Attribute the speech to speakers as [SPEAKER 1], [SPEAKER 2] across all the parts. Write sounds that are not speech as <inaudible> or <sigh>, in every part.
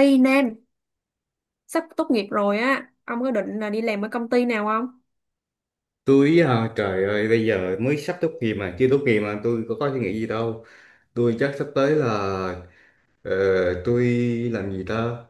[SPEAKER 1] Ê Nam, sắp tốt nghiệp rồi á, ông có định là đi làm ở công ty nào không?
[SPEAKER 2] Tôi hả? Trời ơi, bây giờ mới sắp tốt nghiệp mà, chưa tốt nghiệp mà tôi có suy nghĩ gì đâu. Tôi chắc sắp tới là ờ, tôi làm gì ta?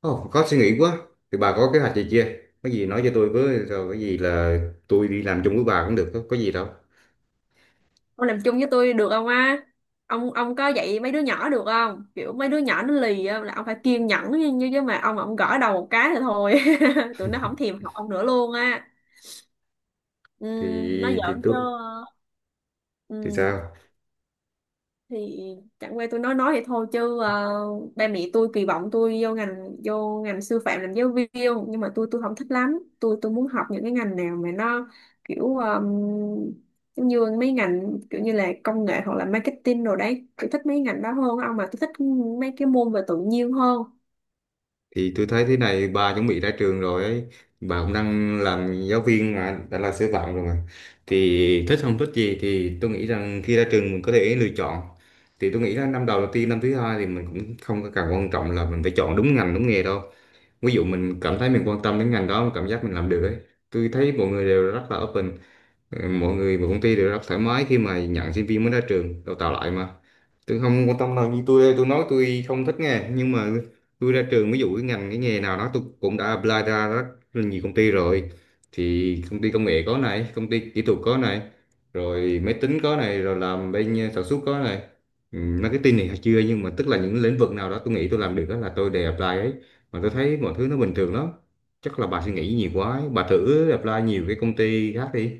[SPEAKER 2] Ồ, có suy nghĩ quá. Thì bà có kế hoạch gì chưa? Có gì nói cho tôi với, rồi có gì là tôi đi làm chung với bà cũng được, có gì đâu.
[SPEAKER 1] Ông làm chung với tôi được không á? Ông có dạy mấy đứa nhỏ được không? Kiểu mấy đứa nhỏ nó lì á, là ông phải kiên nhẫn như như chứ mà ông gõ đầu một cái thì thôi. <laughs> Tụi nó không thèm học ông nữa luôn á. Ừ,
[SPEAKER 2] Thì
[SPEAKER 1] nó
[SPEAKER 2] thì
[SPEAKER 1] giỡn chứ.
[SPEAKER 2] tôi thì
[SPEAKER 1] Ừ.
[SPEAKER 2] sao?
[SPEAKER 1] Thì chẳng qua tôi nói vậy thôi chứ ba mẹ tôi kỳ vọng tôi vô ngành sư phạm làm giáo viên, nhưng mà tôi không thích lắm, tôi muốn học những cái ngành nào mà nó kiểu giống như mấy ngành kiểu như là công nghệ hoặc là marketing rồi đấy, tôi thích mấy ngành đó hơn. Ông mà tôi thích mấy cái môn về tự nhiên hơn.
[SPEAKER 2] Thì tôi thấy thế này, bà chuẩn bị ra trường rồi ấy, bà cũng đang làm giáo viên mà đã là sư phạm rồi mà, thì thích không thích gì thì tôi nghĩ rằng khi ra trường mình có thể lựa chọn. Thì tôi nghĩ là năm đầu đầu tiên, năm thứ hai thì mình cũng không có cần quan trọng là mình phải chọn đúng ngành đúng nghề đâu. Ví dụ mình cảm thấy mình quan tâm đến ngành đó, cảm giác mình làm được ấy, tôi thấy mọi người đều rất là open. Ừ, mọi người và công ty đều rất thoải mái khi mà nhận sinh viên mới ra trường đào tạo lại mà, tôi không quan tâm đâu. Như tôi đây, tôi nói tôi không thích nghe nhưng mà tôi ra trường ví dụ cái ngành cái nghề nào đó tôi cũng đã apply ra rất là nhiều công ty rồi. Thì công ty công nghệ có này, công ty kỹ thuật có này, rồi máy tính có này, rồi làm bên sản xuất có này, ừ, marketing này chưa, nhưng mà tức là những lĩnh vực nào đó tôi nghĩ tôi làm được đó là tôi đều apply ấy, mà tôi thấy mọi thứ nó bình thường lắm. Chắc là bà suy nghĩ nhiều quá ấy. Bà thử apply nhiều cái công ty khác đi.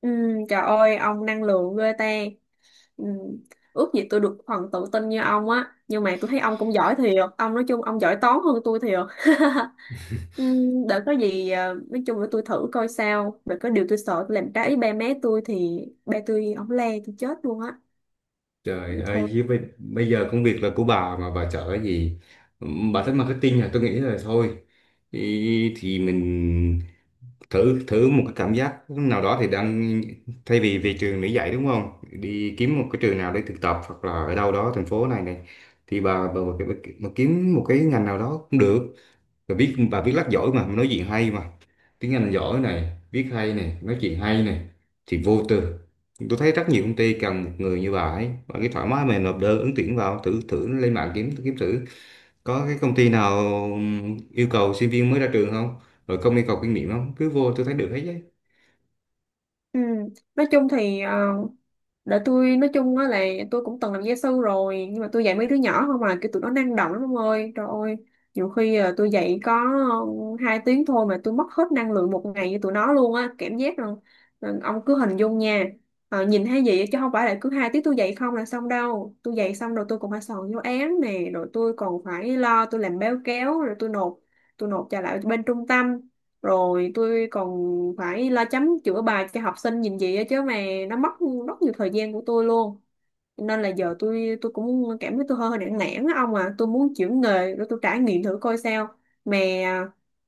[SPEAKER 1] Ừ, trời ơi, ông năng lượng ghê ta. Ừ, ước gì tôi được phần tự tin như ông á, nhưng mà tôi thấy ông cũng giỏi thiệt. Ông nói chung ông giỏi toán hơn tôi thiệt. <laughs> Để có gì nói chung là tôi thử coi sao. Để có điều tôi sợ tôi làm trái ý ba mẹ tôi thì ba tôi ổng le tôi chết luôn á.
[SPEAKER 2] Trời
[SPEAKER 1] Thôi.
[SPEAKER 2] ơi, với bây giờ công việc là của bà mà bà chở cái gì? Bà thích marketing à? Tôi nghĩ là thôi. Thì mình thử thử một cái cảm giác nào đó thì đang, thay vì về trường để dạy đúng không? Đi kiếm một cái trường nào để thực tập hoặc là ở đâu đó thành phố này này, thì bà kiếm một cái ngành nào đó cũng được. Rồi viết và viết lách giỏi mà, nói chuyện hay mà, tiếng Anh giỏi này, viết hay này, nói chuyện hay này, thì vô tư. Tôi thấy rất nhiều công ty cần một người như bà ấy, và cái thoải mái mà nộp đơn ứng tuyển vào. Thử thử lên mạng kiếm kiếm thử có cái công ty nào yêu cầu sinh viên mới ra trường không, rồi không yêu cầu kinh nghiệm không, cứ vô, tôi thấy được hết đấy.
[SPEAKER 1] Ừm, Nói chung thì để tôi nói chung á là tôi cũng từng làm gia sư rồi, nhưng mà tôi dạy mấy đứa nhỏ không mà kiểu tụi nó năng động lắm ông ơi, trời ơi. Nhiều khi à, tôi dạy có ừ, hai tiếng thôi mà tôi mất hết năng lượng một ngày với tụi nó luôn á, cảm giác là ông cứ hình dung nha. Ờ, nhìn thấy gì chứ không phải là cứ hai tiếng tôi dạy không là xong đâu, tôi dạy xong rồi tôi còn phải soạn giáo án nè, rồi tôi còn phải lo tôi làm báo cáo rồi tôi nộp trả lại bên trung tâm, rồi tôi còn phải la chấm chữa bài cho học sinh nhìn gì á chứ mà nó mất rất nhiều thời gian của tôi luôn. Cho nên là giờ tôi cũng cảm thấy tôi hơi nản nản á ông à, tôi muốn chuyển nghề để tôi trải nghiệm thử coi sao. mà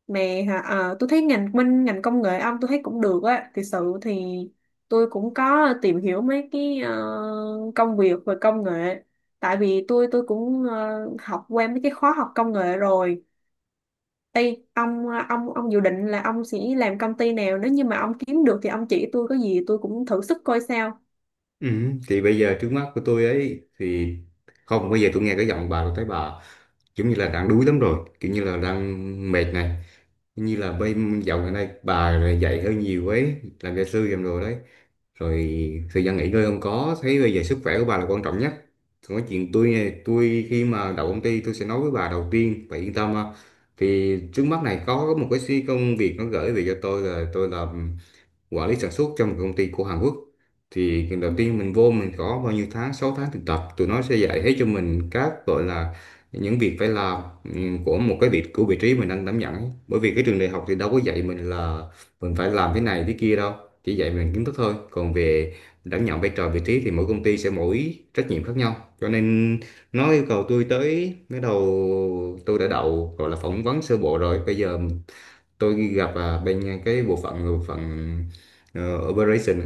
[SPEAKER 1] mà tôi thấy ngành bên ngành công nghệ ông tôi thấy cũng được á, thực sự thì tôi cũng có tìm hiểu mấy cái công việc về công nghệ, tại vì tôi cũng học qua mấy cái khóa học công nghệ rồi. Ê, ông dự định là ông sẽ làm công ty nào, nếu như mà ông kiếm được thì ông chỉ tôi, có gì tôi cũng thử sức coi sao.
[SPEAKER 2] Ừ. Thì bây giờ trước mắt của tôi ấy thì, không, bây giờ tôi nghe cái giọng bà tôi thấy bà giống như là đang đuối lắm rồi, kiểu như là đang mệt này, như là bên dạo gần đây bà là dạy hơi nhiều ấy, làm gia sư làm đồ đấy, rồi thời gian nghỉ ngơi không có thấy. Bây giờ sức khỏe của bà là quan trọng nhất. Còn cái chuyện tôi này, tôi khi mà đậu công ty tôi sẽ nói với bà đầu tiên, bà yên tâm ha. Thì trước mắt này có một cái xí công việc nó gửi về cho tôi, là tôi làm quản lý sản xuất trong một công ty của Hàn Quốc. Thì lần đầu tiên mình vô, mình có bao nhiêu tháng, 6 tháng thực tập, tụi nó sẽ dạy hết cho mình các gọi là những việc phải làm, của một cái vị, của vị trí mình đang đảm nhận ấy. Bởi vì cái trường đại học thì đâu có dạy mình là mình phải làm thế này thế kia đâu, chỉ dạy mình kiến thức thôi. Còn về đảm nhận vai trò vị trí thì mỗi công ty sẽ mỗi trách nhiệm khác nhau, cho nên nó yêu cầu tôi tới cái đầu. Tôi đã đậu gọi là phỏng vấn sơ bộ rồi, bây giờ tôi gặp bên cái bộ phận operation,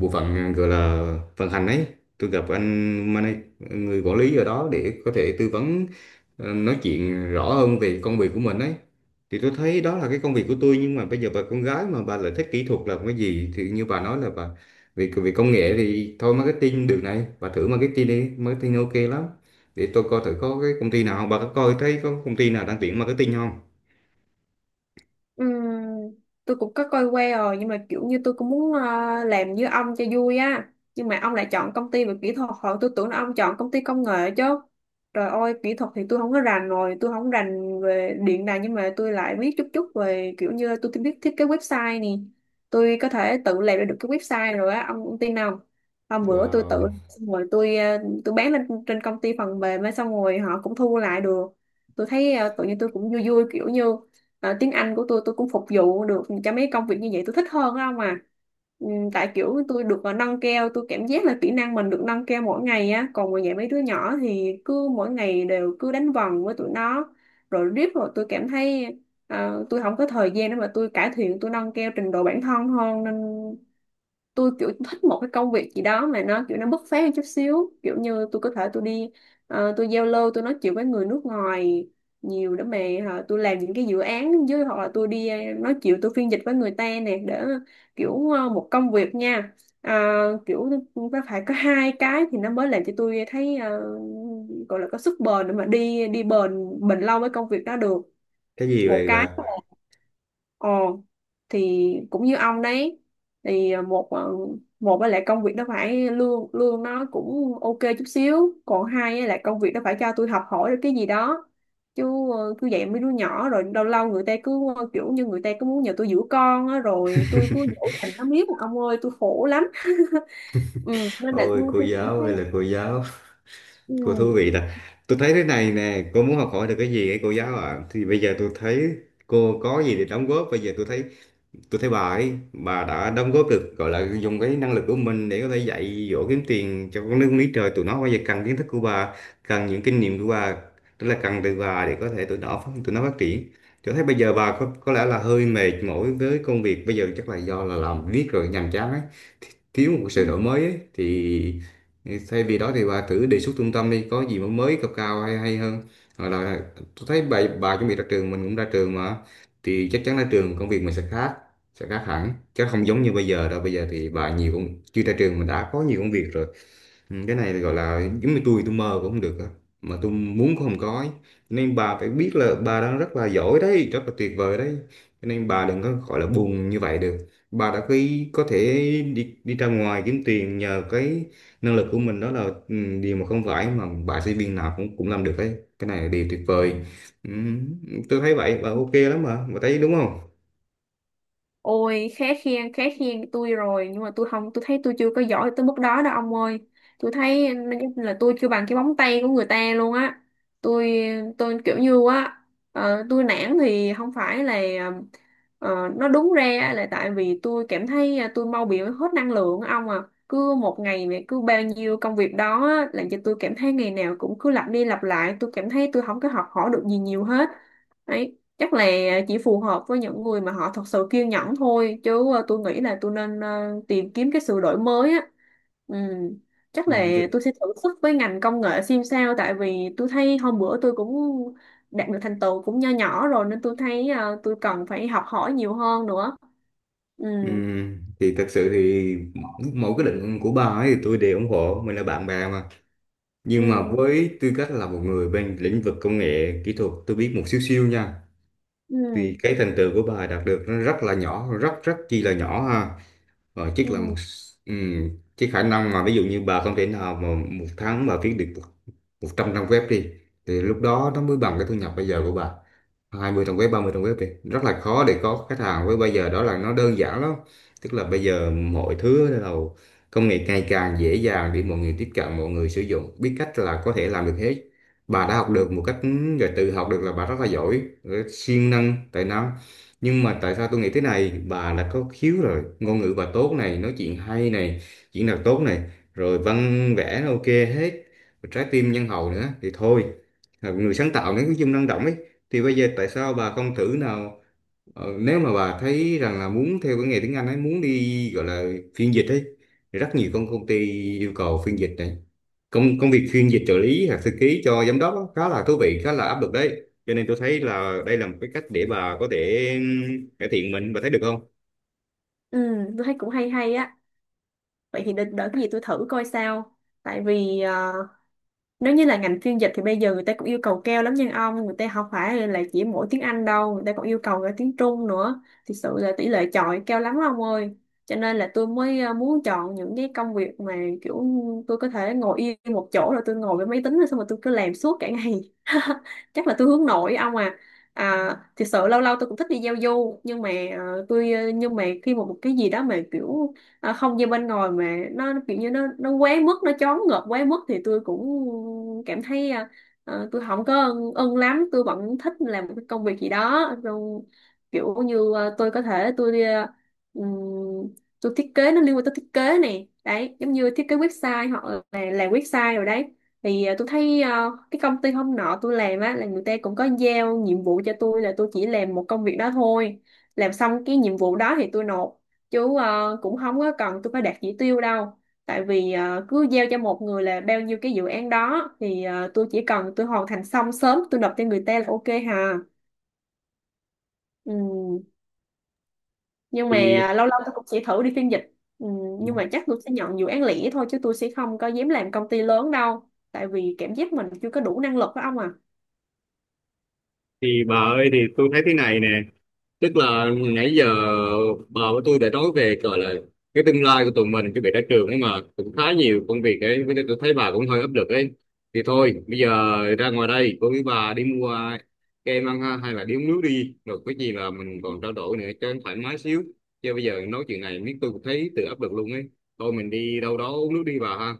[SPEAKER 2] bộ phận gọi là vận hành ấy. Tôi gặp người quản lý ở đó để có thể tư vấn, nói chuyện rõ hơn về công việc của mình ấy. Thì tôi thấy đó là cái công việc của tôi. Nhưng mà bây giờ bà con gái mà bà lại thích kỹ thuật là cái gì, thì như bà nói là bà về về công nghệ thì thôi, marketing được này, bà thử marketing đi, marketing ok lắm. Để tôi coi thử có cái công ty nào không, bà có coi thấy có công ty nào đang tuyển marketing không?
[SPEAKER 1] Ừm, tôi cũng có coi qua rồi nhưng mà kiểu như tôi cũng muốn làm như ông cho vui á, nhưng mà ông lại chọn công ty về kỹ thuật, hồi tôi tưởng là ông chọn công ty công nghệ chứ. Trời ơi, kỹ thuật thì tôi không có rành rồi, tôi không rành về điện đài, nhưng mà tôi lại biết chút chút về, kiểu như tôi biết thiết kế website nè, tôi có thể tự làm ra được cái website rồi á ông tin không? Hôm bữa tôi tự
[SPEAKER 2] Wow,
[SPEAKER 1] xong rồi tôi tôi bán lên trên công ty phần mềm á, xong rồi họ cũng thu lại được. Tôi thấy tự nhiên tôi cũng vui vui, kiểu như. Ờ, tiếng Anh của tôi cũng phục vụ được cho mấy công việc như vậy, tôi thích hơn á ông à. Ừ, tại kiểu tôi được nâng cao, tôi cảm giác là kỹ năng mình được nâng cao mỗi ngày á, còn ngoài dạy mấy đứa nhỏ thì cứ mỗi ngày đều cứ đánh vần với tụi nó, rồi riết rồi tôi cảm thấy tôi không có thời gian để mà tôi cải thiện tôi nâng cao trình độ bản thân hơn, nên tôi kiểu thích một cái công việc gì đó mà nó kiểu nó bứt phá hơn chút xíu, kiểu như tôi có thể tôi đi tôi giao lưu tôi nói chuyện với người nước ngoài nhiều, để mà hả, tôi làm những cái dự án với, hoặc là tôi đi nói chuyện tôi phiên dịch với người ta nè, để kiểu một công việc nha. Ờ, kiểu nó phải có hai cái thì nó mới làm cho tôi thấy gọi là có sức bền để mà đi đi bền bền lâu với công việc đó được.
[SPEAKER 2] cái gì
[SPEAKER 1] Một
[SPEAKER 2] vậy
[SPEAKER 1] cái
[SPEAKER 2] bà?
[SPEAKER 1] là, ồ, thì cũng như ông đấy. Thì một một á lại công việc nó phải lương lương nó cũng ok chút xíu, còn hai á là công việc nó phải cho tôi học hỏi được cái gì đó, chứ cứ dạy mấy đứa nhỏ rồi lâu lâu người ta cứ kiểu như người ta cứ muốn nhờ tôi giữ con á, rồi tôi cứ dỗ dành nó miết ông ơi, tôi khổ lắm. Ừ, nên là
[SPEAKER 2] Ôi
[SPEAKER 1] tôi
[SPEAKER 2] cô
[SPEAKER 1] tôi cảm
[SPEAKER 2] giáo
[SPEAKER 1] thấy.
[SPEAKER 2] ơi là cô giáo, cô thú
[SPEAKER 1] Ừ.
[SPEAKER 2] vị là, tôi thấy thế này nè, cô muốn học hỏi được cái gì ấy, cô giáo ạ? Thì bây giờ tôi thấy cô có gì để đóng góp bây giờ? Tôi thấy, tôi thấy bà ấy, bà đã đóng góp được, gọi là dùng cái năng lực của mình để có thể dạy dỗ, kiếm tiền cho con nước Mỹ. Trời, tụi nó bây giờ cần kiến thức của bà, cần những kinh nghiệm của bà, tức là cần từ bà để có thể tụi nó tụi nó phát triển. Tôi thấy bây giờ bà có lẽ là hơi mệt mỏi với công việc bây giờ, chắc là do là làm viết rồi nhàm chán ấy. Thi- Thiếu một
[SPEAKER 1] Ừ.
[SPEAKER 2] sự đổi mới ấy. Thì thay vì đó thì bà thử đề xuất trung tâm đi, có gì mà mới, cao cao hay hay hơn. Hoặc là tôi thấy bà chuẩn bị ra trường, mình cũng ra trường mà, thì chắc chắn ra trường công việc mình sẽ khác, sẽ khác hẳn chứ không giống như bây giờ đâu. Bây giờ thì bà nhiều công chưa ra trường mình đã có nhiều công việc rồi. Ừ, cái này gọi là giống như tôi mơ cũng không được á, mà tôi muốn cũng không có ấy. Nên bà phải biết là bà đang rất là giỏi đấy, rất là tuyệt vời đấy, cho nên bà đừng có gọi là buồn như vậy được. Bà đã khi có thể đi, đi ra ngoài kiếm tiền nhờ cái năng lực của mình, đó là ừ, điều mà không phải mà bà sinh viên nào cũng cũng làm được đấy, cái này là điều tuyệt vời. Ừ, tôi thấy vậy bà
[SPEAKER 1] Ừ.
[SPEAKER 2] ok lắm mà, bà thấy đúng không?
[SPEAKER 1] Ôi, khá khen tôi rồi, nhưng mà tôi không, tôi thấy tôi chưa có giỏi tới mức đó đâu ông ơi. Tôi thấy là tôi chưa bằng cái móng tay của người ta luôn á. Tôi tôi kiểu như á tôi nản thì không phải là ờ, nó đúng ra là tại vì tôi cảm thấy à, tôi mau bị hết năng lượng á ông à. Cứ một ngày này cứ bao nhiêu công việc đó á, làm cho tôi cảm thấy ngày nào cũng cứ lặp đi lặp lại, tôi cảm thấy tôi không có học hỏi được gì nhiều hết. Đấy, chắc là chỉ phù hợp với những người mà họ thật sự kiên nhẫn thôi, chứ tôi nghĩ là tôi nên tìm kiếm cái sự đổi mới á. Ừ. Chắc là
[SPEAKER 2] Ừ.
[SPEAKER 1] tôi sẽ thử sức với ngành công nghệ xem sao, tại vì tôi thấy hôm bữa tôi cũng đạt được thành tựu cũng nho nhỏ rồi, nên tôi thấy tôi cần phải học hỏi nhiều hơn nữa. Ừ.
[SPEAKER 2] Ừ, thì thật sự thì mỗi cái định của bà ấy thì tôi đều ủng hộ, mình là bạn bè mà. Nhưng mà
[SPEAKER 1] Ừ.
[SPEAKER 2] với tư cách là một người bên lĩnh vực công nghệ kỹ thuật, tôi biết một xíu xíu nha,
[SPEAKER 1] Ừ.
[SPEAKER 2] thì cái thành tựu của bà đạt được nó rất là nhỏ, rất rất chi là nhỏ ha, và chắc là một
[SPEAKER 1] Ừ.
[SPEAKER 2] ừm, cái khả năng mà ví dụ như bà không thể nào mà một tháng bà viết được một 100 trang web đi, thì lúc đó nó mới bằng cái thu nhập bây giờ của bà. 20 trang web, 30 trang web đi, rất là khó để có khách hàng. Với bây giờ đó là nó đơn giản lắm, tức là bây giờ mọi thứ bắt đầu công nghệ ngày càng dễ dàng để mọi người tiếp cận, mọi người sử dụng biết cách là có thể làm được hết. Bà đã học được một cách rồi tự học được là bà rất là giỏi rồi, siêng năng tài năng. Nhưng mà tại sao tôi nghĩ thế này, bà là có khiếu rồi, ngôn ngữ bà tốt này, nói chuyện hay này, diễn đạt tốt này, rồi văn vẽ nó ok hết, rồi trái tim nhân hậu nữa, thì thôi, là người sáng tạo nữa, cái dung năng động ấy, thì bây giờ tại sao bà không thử nào, nếu mà bà thấy rằng là muốn theo cái nghề tiếng Anh ấy, muốn đi gọi là phiên dịch ấy, thì rất nhiều công công ty yêu cầu phiên dịch này, công công việc phiên dịch trợ lý hoặc thư ký cho giám đốc á, khá là thú vị, khá là áp lực đấy, cho nên tôi thấy là đây là một cái cách để bà có thể cải thiện mình, bà thấy được không?
[SPEAKER 1] Ừ. Tôi thấy cũng hay hay á, vậy thì đợi cái gì tôi thử coi sao. Tại vì nếu như là ngành phiên dịch thì bây giờ người ta cũng yêu cầu cao lắm nha ông, người ta không phải là chỉ mỗi tiếng Anh đâu, người ta còn yêu cầu cả tiếng Trung nữa, thực sự là tỷ lệ chọi cao lắm ông ơi. Cho nên là tôi mới muốn chọn những cái công việc mà kiểu tôi có thể ngồi yên một chỗ rồi tôi ngồi với máy tính rồi xong rồi tôi cứ làm suốt cả ngày. <laughs> Chắc là tôi hướng nội ông à. À, thực sự lâu lâu tôi cũng thích đi giao du, nhưng mà nhưng mà khi mà một cái gì đó mà kiểu à, không gian bên ngoài mà nó kiểu như nó quá mức, nó choáng ngợp quá mức, thì tôi cũng cảm thấy tôi không có ưng lắm, tôi vẫn thích làm một cái công việc gì đó rồi kiểu như à, tôi có thể tôi ừm, tôi thiết kế, nó liên quan tới thiết kế này đấy, giống như thiết kế website hoặc là làm website rồi đấy. Thì à, tôi thấy à, cái công ty hôm nọ tôi làm á là người ta cũng có giao nhiệm vụ cho tôi là tôi chỉ làm một công việc đó thôi, làm xong cái nhiệm vụ đó thì tôi nộp chú cũng không có cần tôi phải đạt chỉ tiêu đâu, tại vì cứ giao cho một người là bao nhiêu cái dự án đó thì tôi chỉ cần tôi hoàn thành xong sớm, tôi nộp cho người ta là ok hà. Ừ. Nhưng mà
[SPEAKER 2] thì
[SPEAKER 1] lâu lâu tôi cũng sẽ thử đi phiên dịch. Ừ. Nhưng mà chắc tôi sẽ nhận dự án lẻ thôi, chứ tôi sẽ không có dám làm công ty lớn đâu, tại vì cảm giác mình chưa có đủ năng lực đó ông à.
[SPEAKER 2] thì bà ơi, thì tôi thấy thế này nè, tức là nãy giờ bà với tôi đã nói về gọi là cái tương lai của tụi mình, cái việc ra trường ấy mà cũng khá nhiều công việc ấy, với lại tôi thấy bà cũng hơi áp lực ấy, thì thôi bây giờ ra ngoài đây cô với bà đi mua kem ăn ha, hay là đi uống nước đi, rồi cái gì là mình còn trao đổi nữa cho nó thoải mái xíu. Chứ bây giờ nói chuyện này biết tôi cũng thấy tự áp lực luôn ấy. Thôi mình đi đâu đó uống nước đi bà ha.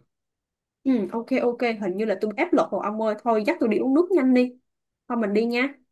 [SPEAKER 1] Ừ, ok ok, hình như là tôi áp lực rồi ông ơi, thôi dắt tôi đi uống nước nhanh đi. Thôi mình đi nha.